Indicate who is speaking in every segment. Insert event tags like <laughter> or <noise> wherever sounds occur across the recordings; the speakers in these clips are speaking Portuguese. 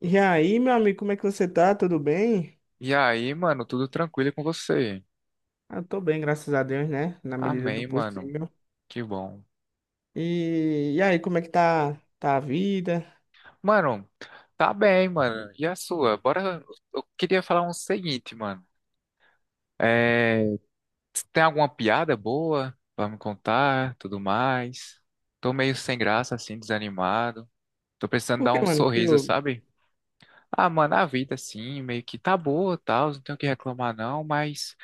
Speaker 1: E aí, meu amigo, como é que você tá? Tudo bem?
Speaker 2: E aí, mano, tudo tranquilo com você?
Speaker 1: Eu tô bem, graças a Deus, né? Na medida do
Speaker 2: Amém, mano.
Speaker 1: possível.
Speaker 2: Que bom.
Speaker 1: E aí, como é que tá a vida?
Speaker 2: Mano, tá bem, mano. E a sua? Bora. Eu queria falar um seguinte, mano. É... Tem alguma piada boa pra me contar, tudo mais? Tô meio sem graça, assim, desanimado. Tô precisando
Speaker 1: Por
Speaker 2: dar
Speaker 1: que,
Speaker 2: um
Speaker 1: mano? Que
Speaker 2: sorriso,
Speaker 1: houve?
Speaker 2: sabe? Ah, mano, a vida, assim, meio que tá boa, tal. Não tenho o que reclamar, não. Mas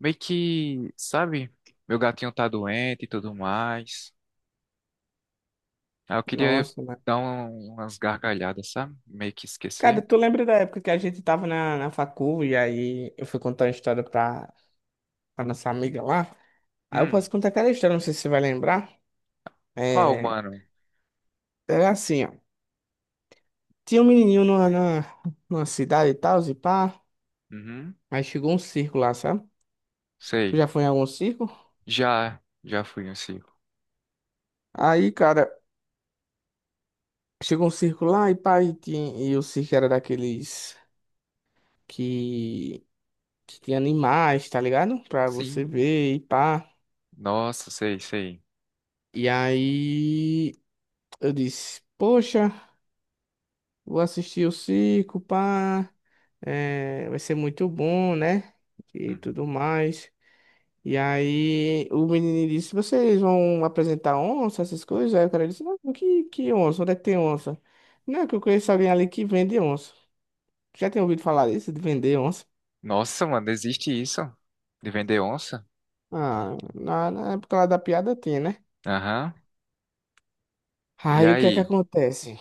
Speaker 2: meio que, sabe? Meu gatinho tá doente e tudo mais. Ah, eu queria
Speaker 1: Nossa, mano.
Speaker 2: umas gargalhadas, sabe? Meio que
Speaker 1: Cara,
Speaker 2: esquecer.
Speaker 1: tu lembra da época que a gente tava na facu e aí eu fui contar uma história pra nossa amiga lá? Aí eu
Speaker 2: Hum,
Speaker 1: posso contar aquela história, não sei se você vai lembrar.
Speaker 2: qual,
Speaker 1: É,
Speaker 2: mano?
Speaker 1: era assim, ó. Tinha um menininho numa cidade e tal, e pá.
Speaker 2: Uhum,
Speaker 1: Aí chegou um circo lá, sabe? Tu
Speaker 2: sei.
Speaker 1: já foi em algum circo?
Speaker 2: Já fui um circo.
Speaker 1: Aí, cara. Chegou um circo lá e pá, e, e o circo era daqueles que, que tinha animais, tá ligado? Pra você
Speaker 2: Sim.
Speaker 1: ver e pá.
Speaker 2: Nossa, sei, sei.
Speaker 1: E aí eu disse, poxa, vou assistir o circo, pá, é, vai ser muito bom, né? E tudo
Speaker 2: Uhum.
Speaker 1: mais. E aí o menino disse, vocês vão apresentar onça, essas coisas? Aí o cara disse, não, que onça? Onde é que tem onça? Não, que eu conheço alguém ali que vende onça. Já tem ouvido falar disso, de vender onça?
Speaker 2: Nossa, mano, existe isso? De vender onça?
Speaker 1: Ah, na época lá da piada tinha, né?
Speaker 2: Aham. E
Speaker 1: Aí o que é que
Speaker 2: aí?
Speaker 1: acontece?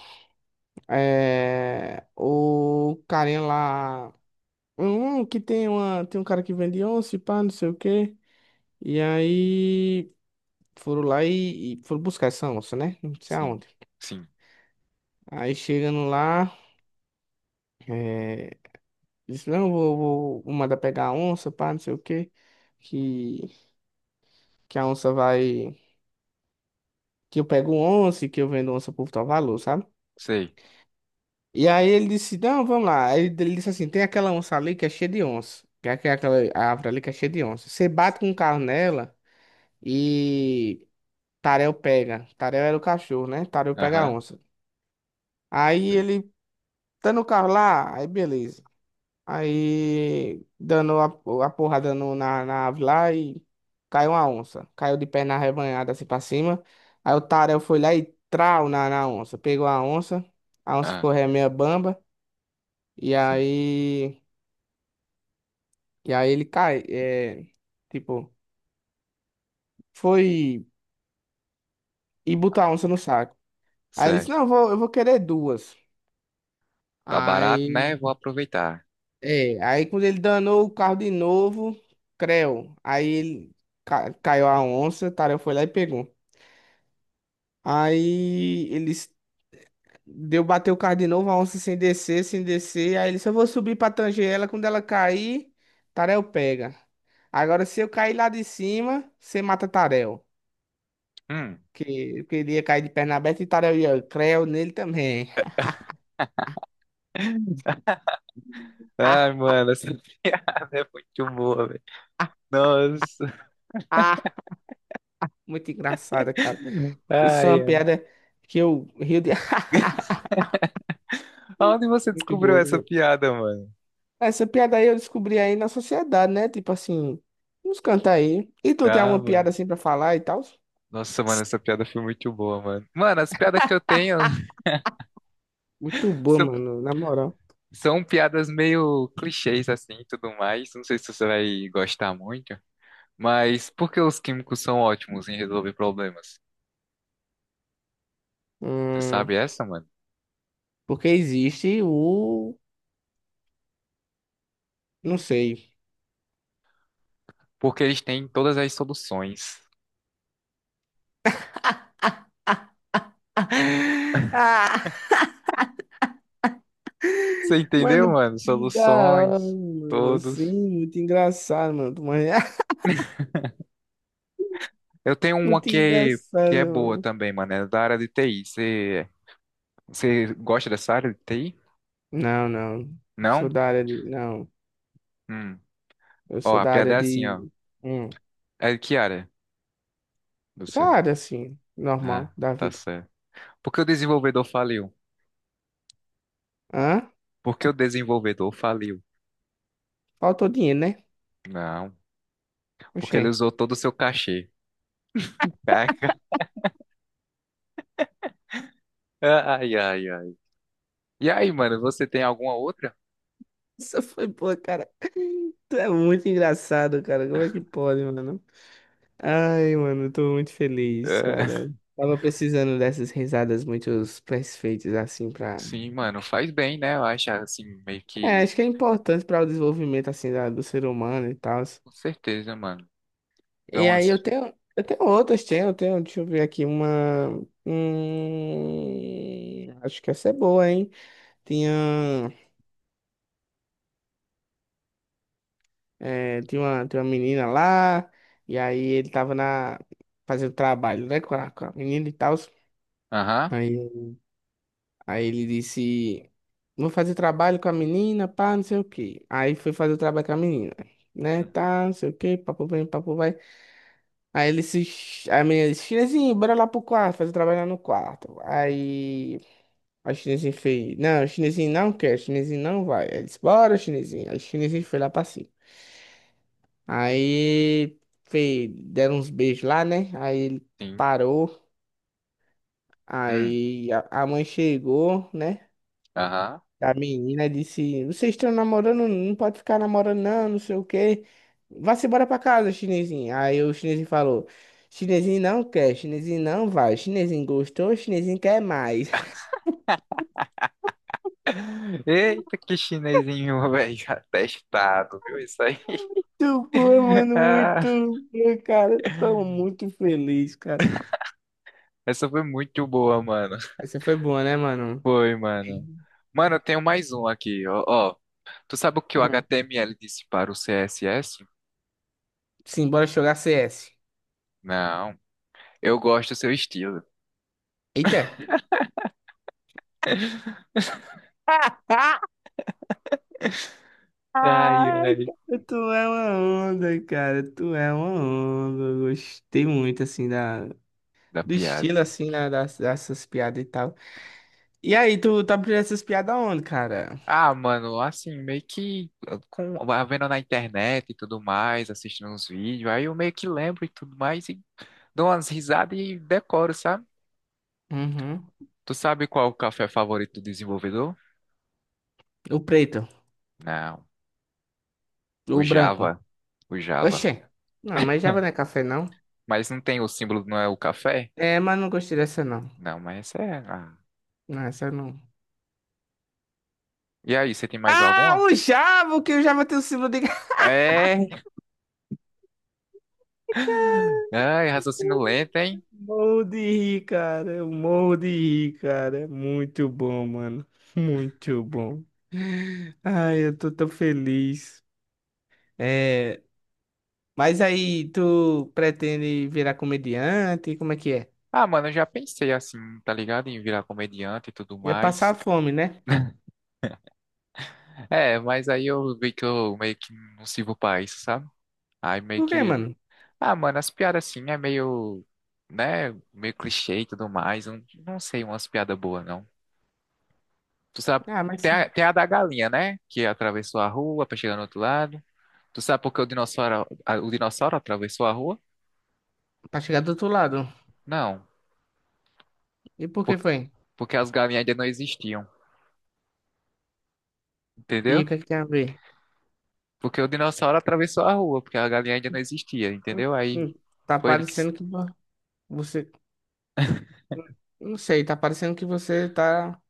Speaker 1: É, o carinha lá. Que tem uma. Tem um cara que vende onça, e pá, não sei o quê. E aí foram lá e foram buscar essa onça, né? Não sei
Speaker 2: Sim,
Speaker 1: aonde.
Speaker 2: sim,
Speaker 1: Aí chegando lá, é, disse, não, vou mandar pegar a onça, pá, não sei o quê. Que, que a onça vai. Que eu pego onça e que eu vendo onça por tal valor, sabe?
Speaker 2: sei.
Speaker 1: E aí ele disse, não, vamos lá. Aí ele disse assim, tem aquela onça ali que é cheia de onça. Que é aquela árvore ali que é cheia de onça. Você bate com o carro nela e Tarel pega. Tarel era o cachorro, né? Tarel pega a
Speaker 2: Aham,
Speaker 1: onça. Aí
Speaker 2: sei.
Speaker 1: ele tá no carro lá, aí beleza. Aí dando a porrada no, na, na árvore lá e caiu uma onça. Caiu de perna arrebanhada assim pra cima. Aí o Tarel foi lá e trau na onça. Pegou a onça
Speaker 2: Ah,
Speaker 1: ficou ré meia bamba. E
Speaker 2: sim.
Speaker 1: aí. E aí ele cai, é, tipo, foi e botou a onça no saco. Aí ele disse,
Speaker 2: Certo.
Speaker 1: não, eu vou querer duas.
Speaker 2: Tá barato, né?
Speaker 1: Aí,
Speaker 2: Vou aproveitar.
Speaker 1: é, aí quando ele danou o carro de novo, creu. Aí ele caiu a onça, o Tarel foi lá e pegou. Aí eles deu bater o carro de novo, a onça sem descer, sem descer. Aí ele disse, eu vou subir pra tanger ela, quando ela cair, Tarel pega. Agora se eu cair lá de cima, você mata Tarel.
Speaker 2: Hum.
Speaker 1: Que ele ia cair de perna aberta e Tarel ia creu nele também. <laughs>
Speaker 2: <laughs>
Speaker 1: Ah,
Speaker 2: Ai, mano, essa <laughs> piada é muito boa, velho. Nossa.
Speaker 1: ah, muito engraçada, cara. Isso é
Speaker 2: Ai,
Speaker 1: uma
Speaker 2: ai.
Speaker 1: piada que eu rio de. <laughs>
Speaker 2: Onde você
Speaker 1: Muito
Speaker 2: descobriu
Speaker 1: boa,
Speaker 2: essa
Speaker 1: cara.
Speaker 2: piada, mano?
Speaker 1: Essa piada aí eu descobri aí na sociedade, né? Tipo assim, uns cantar aí. E tu tem
Speaker 2: Ah,
Speaker 1: alguma
Speaker 2: mano.
Speaker 1: piada assim pra falar e tal?
Speaker 2: Nossa, mano, essa piada foi muito boa, mano. Mano, as piadas que eu tenho <laughs>
Speaker 1: Muito boa,
Speaker 2: são,
Speaker 1: mano, na moral.
Speaker 2: são piadas meio clichês, assim, e tudo mais. Não sei se você vai gostar muito, mas por que os químicos são ótimos em resolver problemas? Você
Speaker 1: Hum,
Speaker 2: sabe essa, mano?
Speaker 1: porque existe o. Não sei.
Speaker 2: Porque eles têm todas as soluções.
Speaker 1: <laughs> Ah,
Speaker 2: Você entendeu,
Speaker 1: mano,
Speaker 2: mano?
Speaker 1: que da hora,
Speaker 2: Soluções,
Speaker 1: mano.
Speaker 2: todos.
Speaker 1: Sim, muito engraçado, mano. Tu manja-
Speaker 2: Eu tenho uma
Speaker 1: Muito
Speaker 2: que, que
Speaker 1: engraçado,
Speaker 2: é boa
Speaker 1: mano.
Speaker 2: também, mano. É da área de TI. Você gosta dessa área de TI?
Speaker 1: Não, não. Sou
Speaker 2: Não?
Speaker 1: da área de. Não.
Speaker 2: Hum.
Speaker 1: Eu
Speaker 2: Ó,
Speaker 1: sou
Speaker 2: a
Speaker 1: da
Speaker 2: piada
Speaker 1: área
Speaker 2: é assim, ó.
Speaker 1: de. Hum,
Speaker 2: É que área?
Speaker 1: da
Speaker 2: Você.
Speaker 1: área, assim,
Speaker 2: Ah,
Speaker 1: normal da
Speaker 2: tá
Speaker 1: vida.
Speaker 2: certo. Por que o desenvolvedor faliu?
Speaker 1: Hã?
Speaker 2: Por que o desenvolvedor faliu?
Speaker 1: Faltou dinheiro, né?
Speaker 2: Não, porque
Speaker 1: Oxê.
Speaker 2: ele usou todo o seu cachê. Caraca. Ai, ai, ai. E aí, mano, você tem alguma outra?
Speaker 1: Isso foi boa, cara. Tu é muito engraçado, cara. Como é que pode, mano? Ai, mano, eu tô muito feliz,
Speaker 2: É,
Speaker 1: cara. Tava precisando dessas risadas muito perfeitas, assim, pra.
Speaker 2: sim, mano, faz bem, né? Eu acho assim, meio
Speaker 1: É,
Speaker 2: que.
Speaker 1: acho que é importante para o desenvolvimento, assim, do ser humano e tal.
Speaker 2: Com certeza, mano. Dá
Speaker 1: E aí
Speaker 2: umas.
Speaker 1: eu tenho outras, deixa eu ver aqui uma. Acho que essa é boa, hein? Tinha, tinha uma menina lá, e aí ele tava na, fazendo trabalho, né, com a menina e tal.
Speaker 2: Aham.
Speaker 1: Aí, aí ele disse, vou fazer trabalho com a menina, pá, não sei o quê. Aí foi fazer o trabalho com a menina, né,
Speaker 2: Hum,
Speaker 1: tá, não sei o quê, papo vem, papo vai. Aí ele se. A menina disse, Chinesinho, bora lá pro quarto, fazer o trabalho lá no quarto. Aí o chinesinho fez, não, o chinesinho não quer, o chinesinho não vai. Aí disse, bora, chinesinho. Aí o chinesinho foi lá pra cima. Aí fez, deram uns beijos lá, né? Aí ele
Speaker 2: sim.
Speaker 1: parou.
Speaker 2: Hum.
Speaker 1: Aí a mãe chegou, né?
Speaker 2: Aham.
Speaker 1: A menina disse, vocês estão namorando, não pode ficar namorando não, não sei o quê. Vá-se embora pra casa, chinesinho. Aí o chinesinho falou, chinesinho não quer, chinesinho não vai. Chinesinho gostou, chinesinho quer mais.
Speaker 2: <laughs> Eita, que chinesinho, velho. <laughs> Atestado, viu isso aí?
Speaker 1: Muito boa, mano, muito
Speaker 2: <laughs>
Speaker 1: boa, cara. Tô
Speaker 2: Ah.
Speaker 1: muito feliz, cara.
Speaker 2: Essa foi muito boa, mano.
Speaker 1: Essa foi boa, né, mano?
Speaker 2: Foi, mano.
Speaker 1: Bem-
Speaker 2: Mano, eu tenho mais um aqui, ó, ó. Tu sabe o que o
Speaker 1: Hum.
Speaker 2: HTML disse para o CSS?
Speaker 1: Sim, bora jogar CS.
Speaker 2: Não. Eu gosto do seu estilo.
Speaker 1: Eita!
Speaker 2: <laughs>
Speaker 1: Ah,
Speaker 2: Ai,
Speaker 1: Ai, <laughs>
Speaker 2: ai.
Speaker 1: cara, tu é uma onda, cara. Tu é uma onda. Eu gostei muito, assim, da...
Speaker 2: Da
Speaker 1: do
Speaker 2: piada,
Speaker 1: estilo,
Speaker 2: né?
Speaker 1: assim, né, dessas piadas e tal. E aí, tu tá aprendendo essas piadas onde, cara?
Speaker 2: Ah, mano, assim, meio que com, vendo na internet e tudo mais, assistindo uns vídeos, aí eu meio que lembro e tudo mais e dou umas risadas e decoro, sabe?
Speaker 1: Uhum.
Speaker 2: Tu sabe qual é o café favorito do desenvolvedor?
Speaker 1: O preto,
Speaker 2: Não, o
Speaker 1: o branco.
Speaker 2: Java, o Java.
Speaker 1: Oxê. Não, mas Java não é café, não.
Speaker 2: Mas não tem o símbolo, não é o café?
Speaker 1: É, mas não gostei dessa, não.
Speaker 2: Não, mas essa é. Ah.
Speaker 1: Não, essa não.
Speaker 2: E aí, você tem mais
Speaker 1: Ah,
Speaker 2: alguma?
Speaker 1: o Jabo, que o Java tem o símbolo de... <laughs>
Speaker 2: É. Ai, raciocínio lento, hein?
Speaker 1: Morro de rir, cara. Eu morro de rir, cara. É muito bom, mano. Muito bom. Ai, eu tô tão feliz. É, mas aí, tu pretende virar comediante? Como é que é?
Speaker 2: Ah, mano, eu já pensei assim, tá ligado? Em virar comediante e tudo
Speaker 1: Ia passar
Speaker 2: mais.
Speaker 1: fome, né?
Speaker 2: É, mas aí eu vi que eu meio que não sirvo pra isso, sabe? Aí meio
Speaker 1: Por quê,
Speaker 2: que.
Speaker 1: mano?
Speaker 2: Ah, mano, as piadas assim é meio. Né? Meio clichê e tudo mais. Não, não sei umas piadas boas, não. Tu sabe.
Speaker 1: Ah, mas
Speaker 2: Tem
Speaker 1: sim.
Speaker 2: a, tem a da galinha, né? Que atravessou a rua pra chegar no outro lado. Tu sabe por que o dinossauro atravessou a rua?
Speaker 1: Pra chegar do outro lado.
Speaker 2: Não.
Speaker 1: E por que
Speaker 2: por-
Speaker 1: foi?
Speaker 2: Porque as galinhas ainda não existiam,
Speaker 1: E o
Speaker 2: entendeu?
Speaker 1: que é que tem a ver?
Speaker 2: Porque o dinossauro atravessou a rua, porque a galinha ainda não existia,
Speaker 1: Hum,
Speaker 2: entendeu? Aí
Speaker 1: hum, Tá
Speaker 2: foi ele que. S-
Speaker 1: parecendo que você... Não sei, tá parecendo que você tá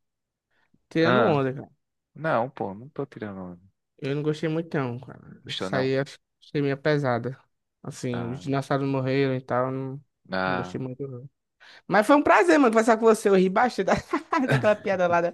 Speaker 1: tirando
Speaker 2: Ah,
Speaker 1: onda.
Speaker 2: não, pô, não tô tirando.
Speaker 1: Eu não gostei muito não, cara.
Speaker 2: Gostou,
Speaker 1: Isso
Speaker 2: não?
Speaker 1: aí acho que achei meio pesada. Assim, os
Speaker 2: Ah,
Speaker 1: dinossauros morreram e tal, não, não
Speaker 2: ah,
Speaker 1: gostei muito não. Mas foi um prazer, mano, conversar com você. Eu ri bastante <laughs> daquela piada lá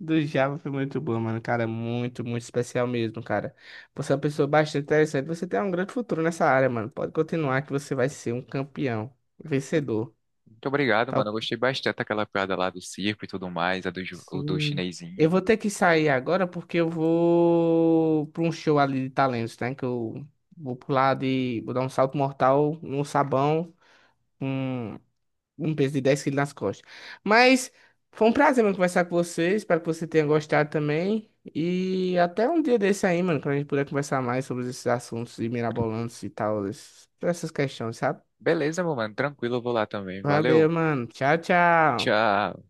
Speaker 1: do Java, foi muito boa, mano. Cara, muito, muito especial mesmo, cara. Você é uma pessoa bastante interessante. Você tem um grande futuro nessa área, mano. Pode continuar que você vai ser um campeão, vencedor.
Speaker 2: Muito obrigado,
Speaker 1: Tá
Speaker 2: mano. Eu
Speaker 1: ok?
Speaker 2: gostei bastante daquela piada lá do circo e tudo mais, o do
Speaker 1: Sim. Eu
Speaker 2: chinesinho.
Speaker 1: vou ter que sair agora porque eu vou para um show ali de talentos, né? Que eu vou pular de. Vou dar um salto mortal no sabão com um peso de 10 quilos nas costas. Mas foi um prazer, mano, conversar com você. Espero que você tenha gostado também. E até um dia desse aí, mano, quando a gente puder conversar mais sobre esses assuntos de mirabolantes e tal, essas questões, sabe?
Speaker 2: Beleza, meu mano, tranquilo, eu vou lá também.
Speaker 1: Valeu,
Speaker 2: Valeu,
Speaker 1: mano. Tchau, tchau.
Speaker 2: tchau.